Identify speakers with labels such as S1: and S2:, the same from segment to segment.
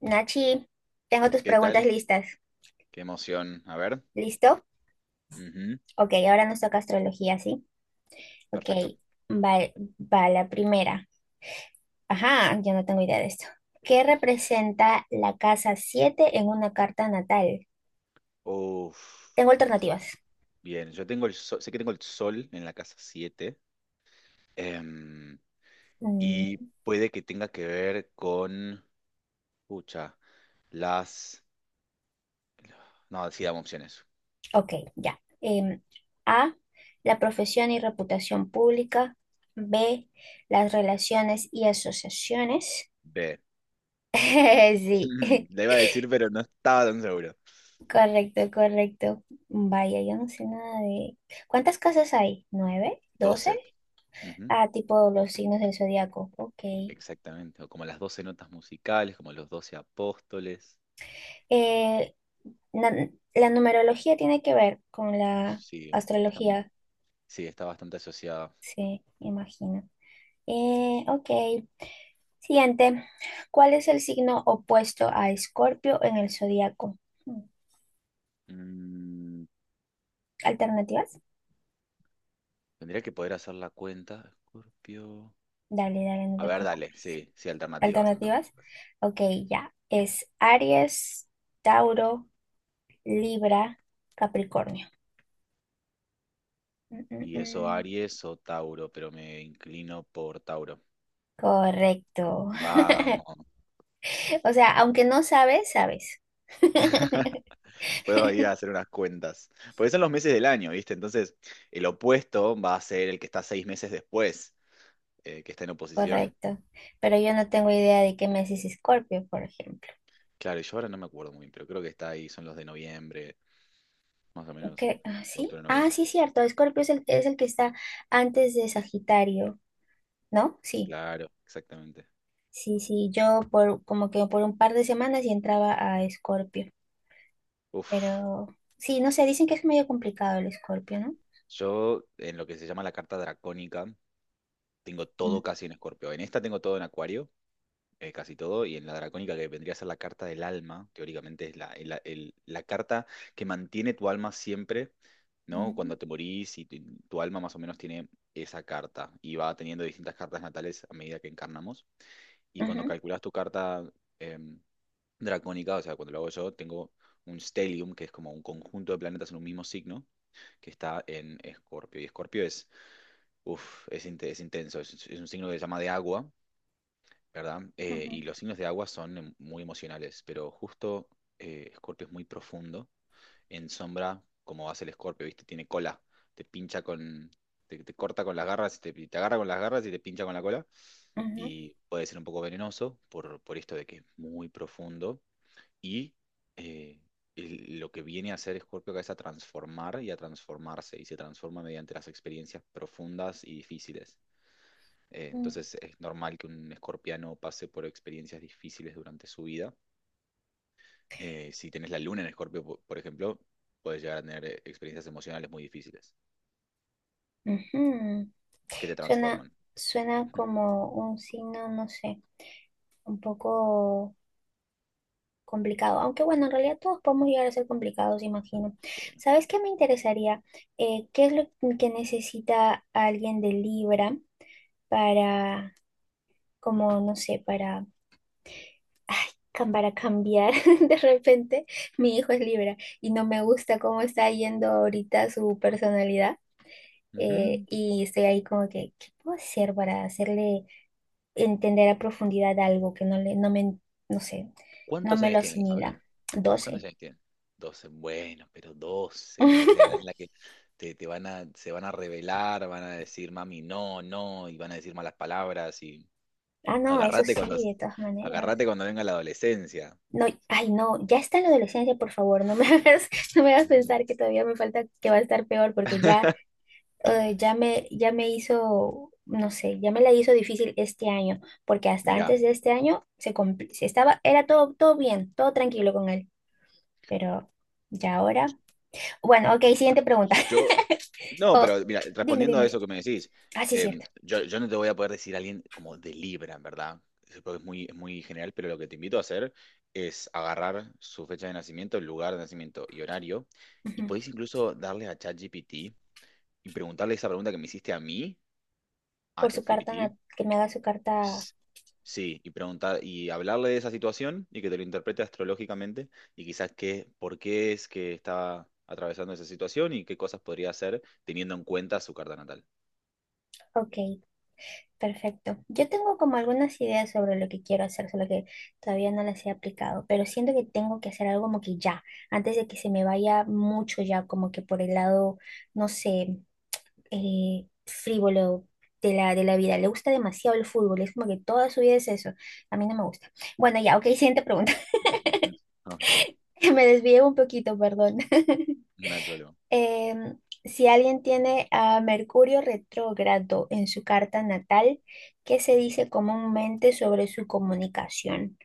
S1: Nachi, tengo tus
S2: ¿Qué
S1: preguntas
S2: tal?
S1: listas.
S2: Qué emoción. A ver.
S1: ¿Listo?
S2: Ujú.
S1: Ok, ahora nos toca astrología, ¿sí? Ok,
S2: Perfecto.
S1: va, va la primera. Ajá, yo no tengo idea de esto. ¿Qué representa la casa 7 en una carta natal?
S2: Uf,
S1: Tengo alternativas.
S2: bien. Yo tengo el sol, sé que tengo el sol en la casa siete, em,
S1: Mm,
S2: y puede que tenga que ver con. Pucha, las. No, sí, dame opciones.
S1: ok, ya. A, la profesión y reputación pública. B, las relaciones y asociaciones.
S2: B.
S1: Sí.
S2: Le iba a decir, pero no estaba tan seguro.
S1: Correcto, correcto. Vaya, yo no sé nada de... ¿Cuántas casas hay? ¿9? ¿12?
S2: 12. Ujú.
S1: Ah, tipo los signos del zodiaco. Ok.
S2: Exactamente. O como las 12 notas musicales, como los 12 apóstoles.
S1: Eh, na- la numerología tiene que ver con la
S2: Sí, está,
S1: astrología,
S2: sí, está bastante asociada.
S1: sí, me imagino. Ok. Siguiente. ¿Cuál es el signo opuesto a Escorpio en el zodiaco? Hmm,
S2: Mm,
S1: ¿alternativas?
S2: Tendría que poder hacer la cuenta. Escorpio.
S1: Dale, dale, no
S2: A
S1: te
S2: ver, dale,
S1: preocupes.
S2: sí, sí, alternativas,
S1: ¿Alternativas?
S2: alternativas.
S1: Ok, ya. Es Aries, Tauro. Libra, Capricornio. Mm, mm,
S2: Y eso
S1: mm.
S2: Aries o Tauro, pero me inclino por Tauro.
S1: Correcto.
S2: Vamos,
S1: O sea, aunque no sabes, sabes.
S2: puedo ir a hacer unas cuentas. Porque son los meses del año, ¿viste? Entonces, el opuesto va a ser el que está 6 meses después, que está en oposición.
S1: Correcto. Pero yo no tengo idea de qué mes es Escorpio, por ejemplo.
S2: Claro, yo ahora no me acuerdo muy bien, pero creo que está ahí, son los de noviembre, más o menos,
S1: ¿Qué? Ah, ¿sí?
S2: octubre,
S1: Ah,
S2: noviembre.
S1: sí, cierto. Escorpio es el que está antes de Sagitario, ¿no? Sí.
S2: Claro, exactamente.
S1: Sí, sí. Yo por como que por un par de semanas y entraba a Escorpio.
S2: Uf,
S1: Pero sí, no sé, dicen que es medio complicado el Escorpio, ¿no?
S2: yo en lo que se llama la carta dracónica. Tengo
S1: Mm,
S2: todo casi en Escorpio. En esta tengo todo en Acuario, casi todo, y en la Dracónica, que vendría a ser la carta del alma, teóricamente es la carta que mantiene tu alma siempre, ¿no?
S1: mm,
S2: Cuando te morís, y tu alma más o menos tiene esa carta, y va teniendo distintas cartas natales a medida que encarnamos. Y cuando
S1: ujú,
S2: calculas tu carta em, Dracónica, o sea, cuando lo hago yo, tengo un stellium, que es como un conjunto de planetas en un mismo signo, que está en Escorpio. Y Escorpio es... Uff, es intenso. Es un signo que se llama de agua, ¿verdad?
S1: ujú,
S2: Y los signos de agua son muy emocionales, pero justo Escorpio es muy profundo, en sombra, como hace el Escorpio, ¿viste? Tiene cola, te pincha con, te corta con las garras, te agarra con las garras y te pincha con la cola,
S1: ujú.
S2: y puede ser un poco venenoso por esto de que es muy profundo, y eh, lo que viene a hacer Escorpio acá es a transformar y a transformarse, y se transforma mediante las experiencias profundas y difíciles.
S1: Mm.
S2: Entonces es normal que un escorpiano pase por experiencias difíciles durante su vida. Si tenés la luna en escorpio, por ejemplo, puedes llegar a tener experiencias emocionales muy difíciles
S1: Ujú.
S2: que te
S1: Suena,
S2: transforman.
S1: suena como un signo, no sé, un poco complicado. Aunque bueno, en realidad todos podemos llegar a ser complicados, imagino.
S2: Sí.
S1: ¿Sabes qué me interesaría? ¿Qué es lo que necesita alguien de Libra para, como, no sé, para, ay, para cambiar? De repente, mi hijo es Libra y no me gusta cómo está yendo ahorita su personalidad.
S2: Ujú.
S1: Y estoy ahí como que, ¿qué puedo hacer para hacerle entender a profundidad algo que no me, no sé, no
S2: ¿Cuántos
S1: me
S2: años
S1: lo
S2: tienes? Déjame
S1: asimila.
S2: ver. ¿Cuántos
S1: 12.
S2: años tienes? 12. Bueno, pero 12 es la edad en la que se van a rebelar, van a decir mami no, no, y van a decir malas palabras y
S1: Ah, no, eso
S2: agárrate
S1: sí,
S2: cuando,
S1: de todas maneras.
S2: agárrate cuando venga la adolescencia.
S1: No, ay, no, ya está en la adolescencia, por favor, no me hagas, no me hagas pensar que todavía me falta, que va a estar peor, porque ya, ya me hizo, no sé, ya me la hizo difícil este año, porque hasta
S2: Mira,
S1: antes de este año se, se estaba, era todo, todo bien, todo tranquilo con él, pero ya ahora. Bueno, ok, siguiente pregunta.
S2: Yo, no,
S1: Oh,
S2: pero mira,
S1: dime,
S2: respondiendo a
S1: dime.
S2: eso que me decís,
S1: Ah, sí,
S2: em,
S1: cierto.
S2: yo, yo no te voy a poder decir a alguien como de Libra, en verdad, eso creo es muy general, pero lo que te invito a hacer es agarrar su fecha de nacimiento, el lugar de nacimiento y horario, y
S1: Ujú.
S2: podéis incluso darle a ChatGPT y preguntarle esa pregunta que me hiciste a mí, a
S1: Por su
S2: ChatGPT.
S1: carta, que me haga su carta.
S2: S- Sí, y preguntar y hablarle de esa situación y que te lo interprete astrológicamente y quizás qué, por qué es que está atravesando esa situación y qué cosas podría hacer teniendo en cuenta su carta natal.
S1: Ok, perfecto. Yo tengo como algunas ideas sobre lo que quiero hacer, solo que todavía no las he aplicado, pero siento que tengo que hacer algo como que ya, antes de que se me vaya mucho ya, como que por el lado, no sé, frívolo. De la vida, le gusta demasiado el fútbol, es como que toda su vida es eso, a mí no me gusta. Bueno, ya, ok, siguiente pregunta.
S2: Ujú. Ok,
S1: Me desvié un poquito, perdón.
S2: no hay problema.
S1: Em, si alguien tiene a Mercurio retrógrado en su carta natal, ¿qué se dice comúnmente sobre su comunicación?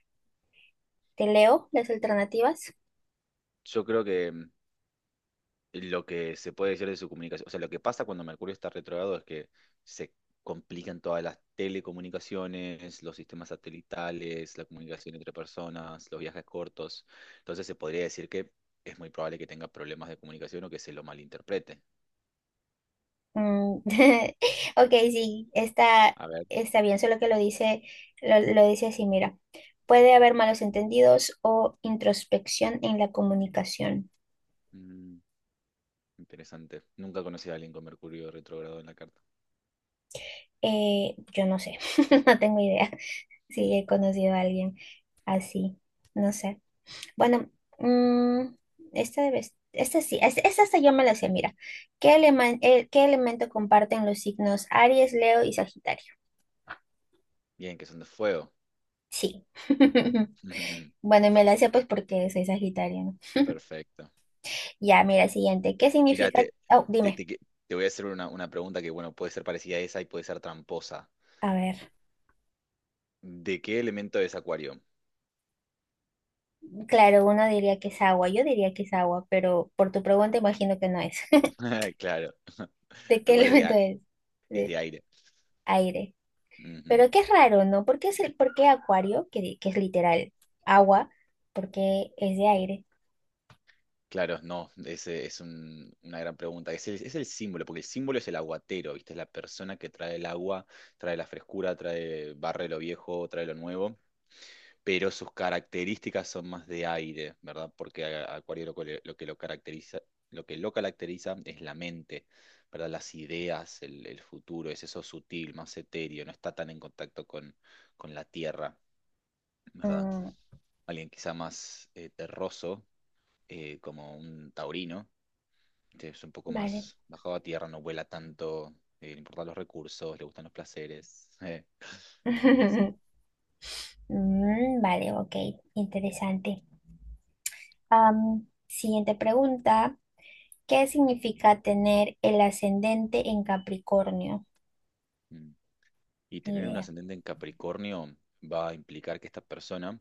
S1: ¿Te leo las alternativas?
S2: Yo creo que, lo que se puede decir de su comunicación, o sea, lo que pasa cuando Mercurio está retrógrado es que se complican todas las telecomunicaciones, los sistemas satelitales, la comunicación entre personas, los viajes cortos. Entonces se podría decir que es muy probable que tenga problemas de comunicación o que se lo malinterprete.
S1: Mm. Ok, sí, está,
S2: A ver,
S1: está bien, solo que lo dice, lo dice así, mira. Puede haber malos entendidos o introspección en la comunicación.
S2: mm, interesante. Nunca conocí a alguien con Mercurio retrógrado en la carta.
S1: Yo no sé, no tengo idea
S2: Mm.
S1: si he conocido a alguien así, no sé. Bueno, mm, esta sí, esta hasta yo me la sé, mira. ¿Qué qué elemento comparten los signos Aries, Leo y Sagitario?
S2: Bien, que son de fuego.
S1: Sí. Bueno, y me la sé pues porque soy Sagitario, ¿no?
S2: Perfecto.
S1: Ya, mira, siguiente. ¿Qué
S2: Mira,
S1: significa? Oh,
S2: te,
S1: dime.
S2: te que- te voy a hacer una pregunta que, bueno, puede ser parecida a esa y puede ser tramposa.
S1: A ver.
S2: ¿De qué elemento es Acuario?
S1: Claro, uno diría que es agua, yo diría que es agua, pero por tu pregunta imagino que no es.
S2: Claro,
S1: ¿De qué
S2: Acuario es de,
S1: elemento
S2: a-
S1: es?
S2: es de
S1: De
S2: aire.
S1: aire.
S2: Ujú.
S1: Pero qué es raro, ¿no? ¿Por qué es el, por qué acuario, que, que es literal agua, porque es de aire?
S2: Claro, no, ese es una gran pregunta. Es el símbolo, porque el símbolo es el aguatero, ¿viste? Es la persona que trae el agua, trae la frescura, trae, barre lo viejo, trae lo nuevo, pero sus características son más de aire, ¿verdad? Porque a Acuario lo que lo caracteriza, lo que lo caracteriza es la mente, ¿verdad? Las ideas, el futuro, es eso sutil, más etéreo, no está tan en contacto con la tierra, ¿verdad?
S1: Mm,
S2: Alguien quizá más terroso, como un taurino, que es un poco
S1: vale.
S2: más bajado a tierra, no vuela tanto, le importan los recursos, le gustan los placeres, y así.
S1: Mm, vale, ok, interesante. Am, siguiente pregunta. ¿Qué significa tener el ascendente en Capricornio?
S2: Mm. Y
S1: Ni
S2: tener un
S1: idea.
S2: ascendente en Capricornio va a implicar que esta persona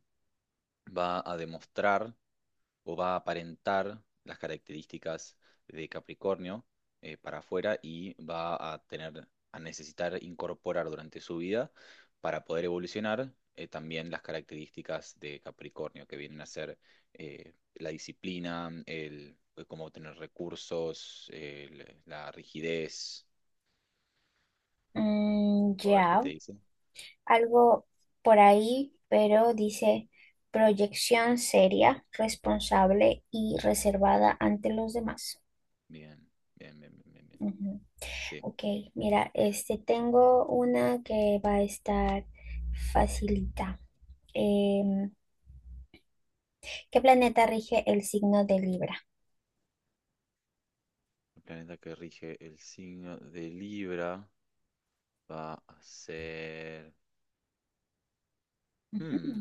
S2: va a demostrar o va a aparentar las características de Capricornio para afuera y va a tener, a necesitar incorporar durante su vida para poder evolucionar también las características de Capricornio, que vienen a ser la disciplina, el cómo obtener recursos, la rigidez.
S1: Mm,
S2: A ver qué te
S1: ya,
S2: dice.
S1: algo por ahí, pero dice proyección seria, responsable y reservada ante los demás.
S2: Bien, bien, bien, bien, bien. Bien.
S1: Ujú.
S2: Sí.
S1: Ok, mira, este tengo una que va a estar facilita. Em, ¿Qué planeta rige el signo de Libra?
S2: El planeta que rige el signo de Libra va a ser.
S1: Ujú.
S2: Hmm,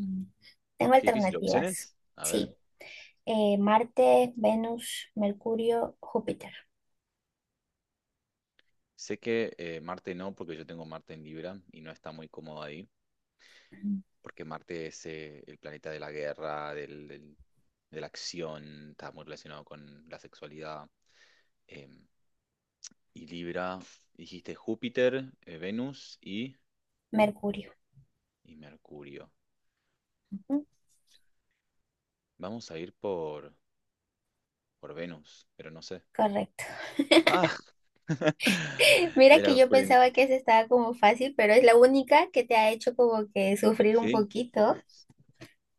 S1: Tengo
S2: Qué difícil.
S1: alternativas.
S2: ¿Opciones? A ver.
S1: Sí, Marte, Venus, Mercurio, Júpiter.
S2: Sé que Marte no, porque yo tengo Marte en Libra y no está muy cómodo ahí,
S1: Ujú.
S2: porque Marte es el planeta de la guerra, de la acción, está muy relacionado con la sexualidad. em, y Libra, dijiste Júpiter, Venus y,
S1: Mercurio.
S2: y Mercurio.
S1: Ujú,
S2: Vamos a ir por Venus, pero no sé.
S1: correcto.
S2: Ah,
S1: Mira que
S2: era
S1: yo
S2: frente.
S1: pensaba que esa estaba como fácil, pero es la única que te ha hecho como que sufrir un
S2: ¿Sí?
S1: poquito.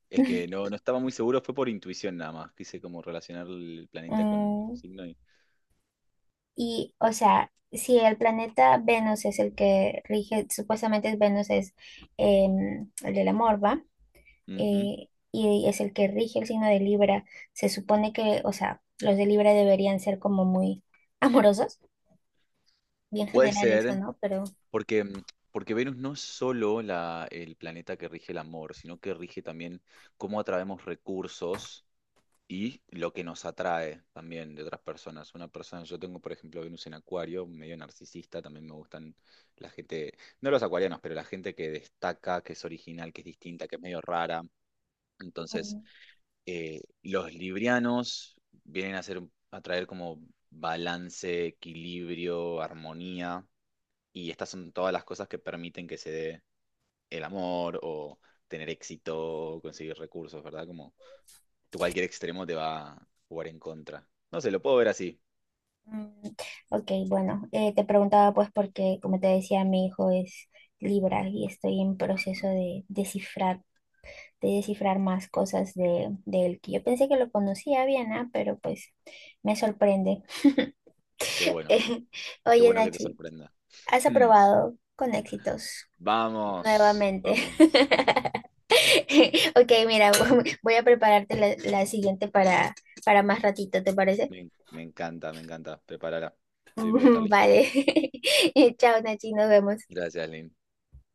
S2: Es que no, no estaba muy seguro, fue por intuición nada más. Quise como relacionar el planeta con el
S1: Mm,
S2: signo y.
S1: y, o sea, si el planeta Venus es el que rige, supuestamente es Venus es el del amor, ¿va?
S2: Ujú.
S1: Y es el que rige el signo de Libra, se supone que, o sea, los de Libra deberían ser como muy amorosos, bien
S2: Puede
S1: general eso,
S2: ser,
S1: ¿no? Pero,
S2: porque, mm, porque Venus no es solo el planeta que rige el amor, sino que rige también cómo atraemos recursos y lo que nos atrae también de otras personas. Una persona, yo tengo, por ejemplo, Venus en Acuario, medio narcisista, también me gustan la gente, no los acuarianos, pero la gente que destaca, que es original, que es distinta, que es medio rara. Entonces,
S1: mm,
S2: los librianos vienen a hacer, a traer como balance, equilibrio, armonía, y estas son todas las cosas que permiten que se dé el amor o tener éxito, o conseguir recursos, ¿verdad? Como tú cualquier extremo te va a jugar en contra. No sé, lo puedo ver así.
S1: mm, ok, bueno, te preguntaba pues porque, como te decía, mi hijo es Libra y estoy en proceso
S2: Ajá.
S1: de descifrar más cosas de él, que yo pensé que lo conocía bien, ah, pero pues me sorprende.
S2: Qué bueno, qué
S1: Oye,
S2: bueno que te
S1: Nachi,
S2: sorprenda.
S1: has aprobado con éxitos
S2: Vamos,
S1: nuevamente.
S2: vamos.
S1: Ok, mira, voy a prepararte la, la siguiente para más ratito, ¿te parece?
S2: Me encanta, me encanta. Prepárala. Sí, voy a estar listo.
S1: Vale. Chao, Nachi, nos vemos.
S2: Gracias, Lynn.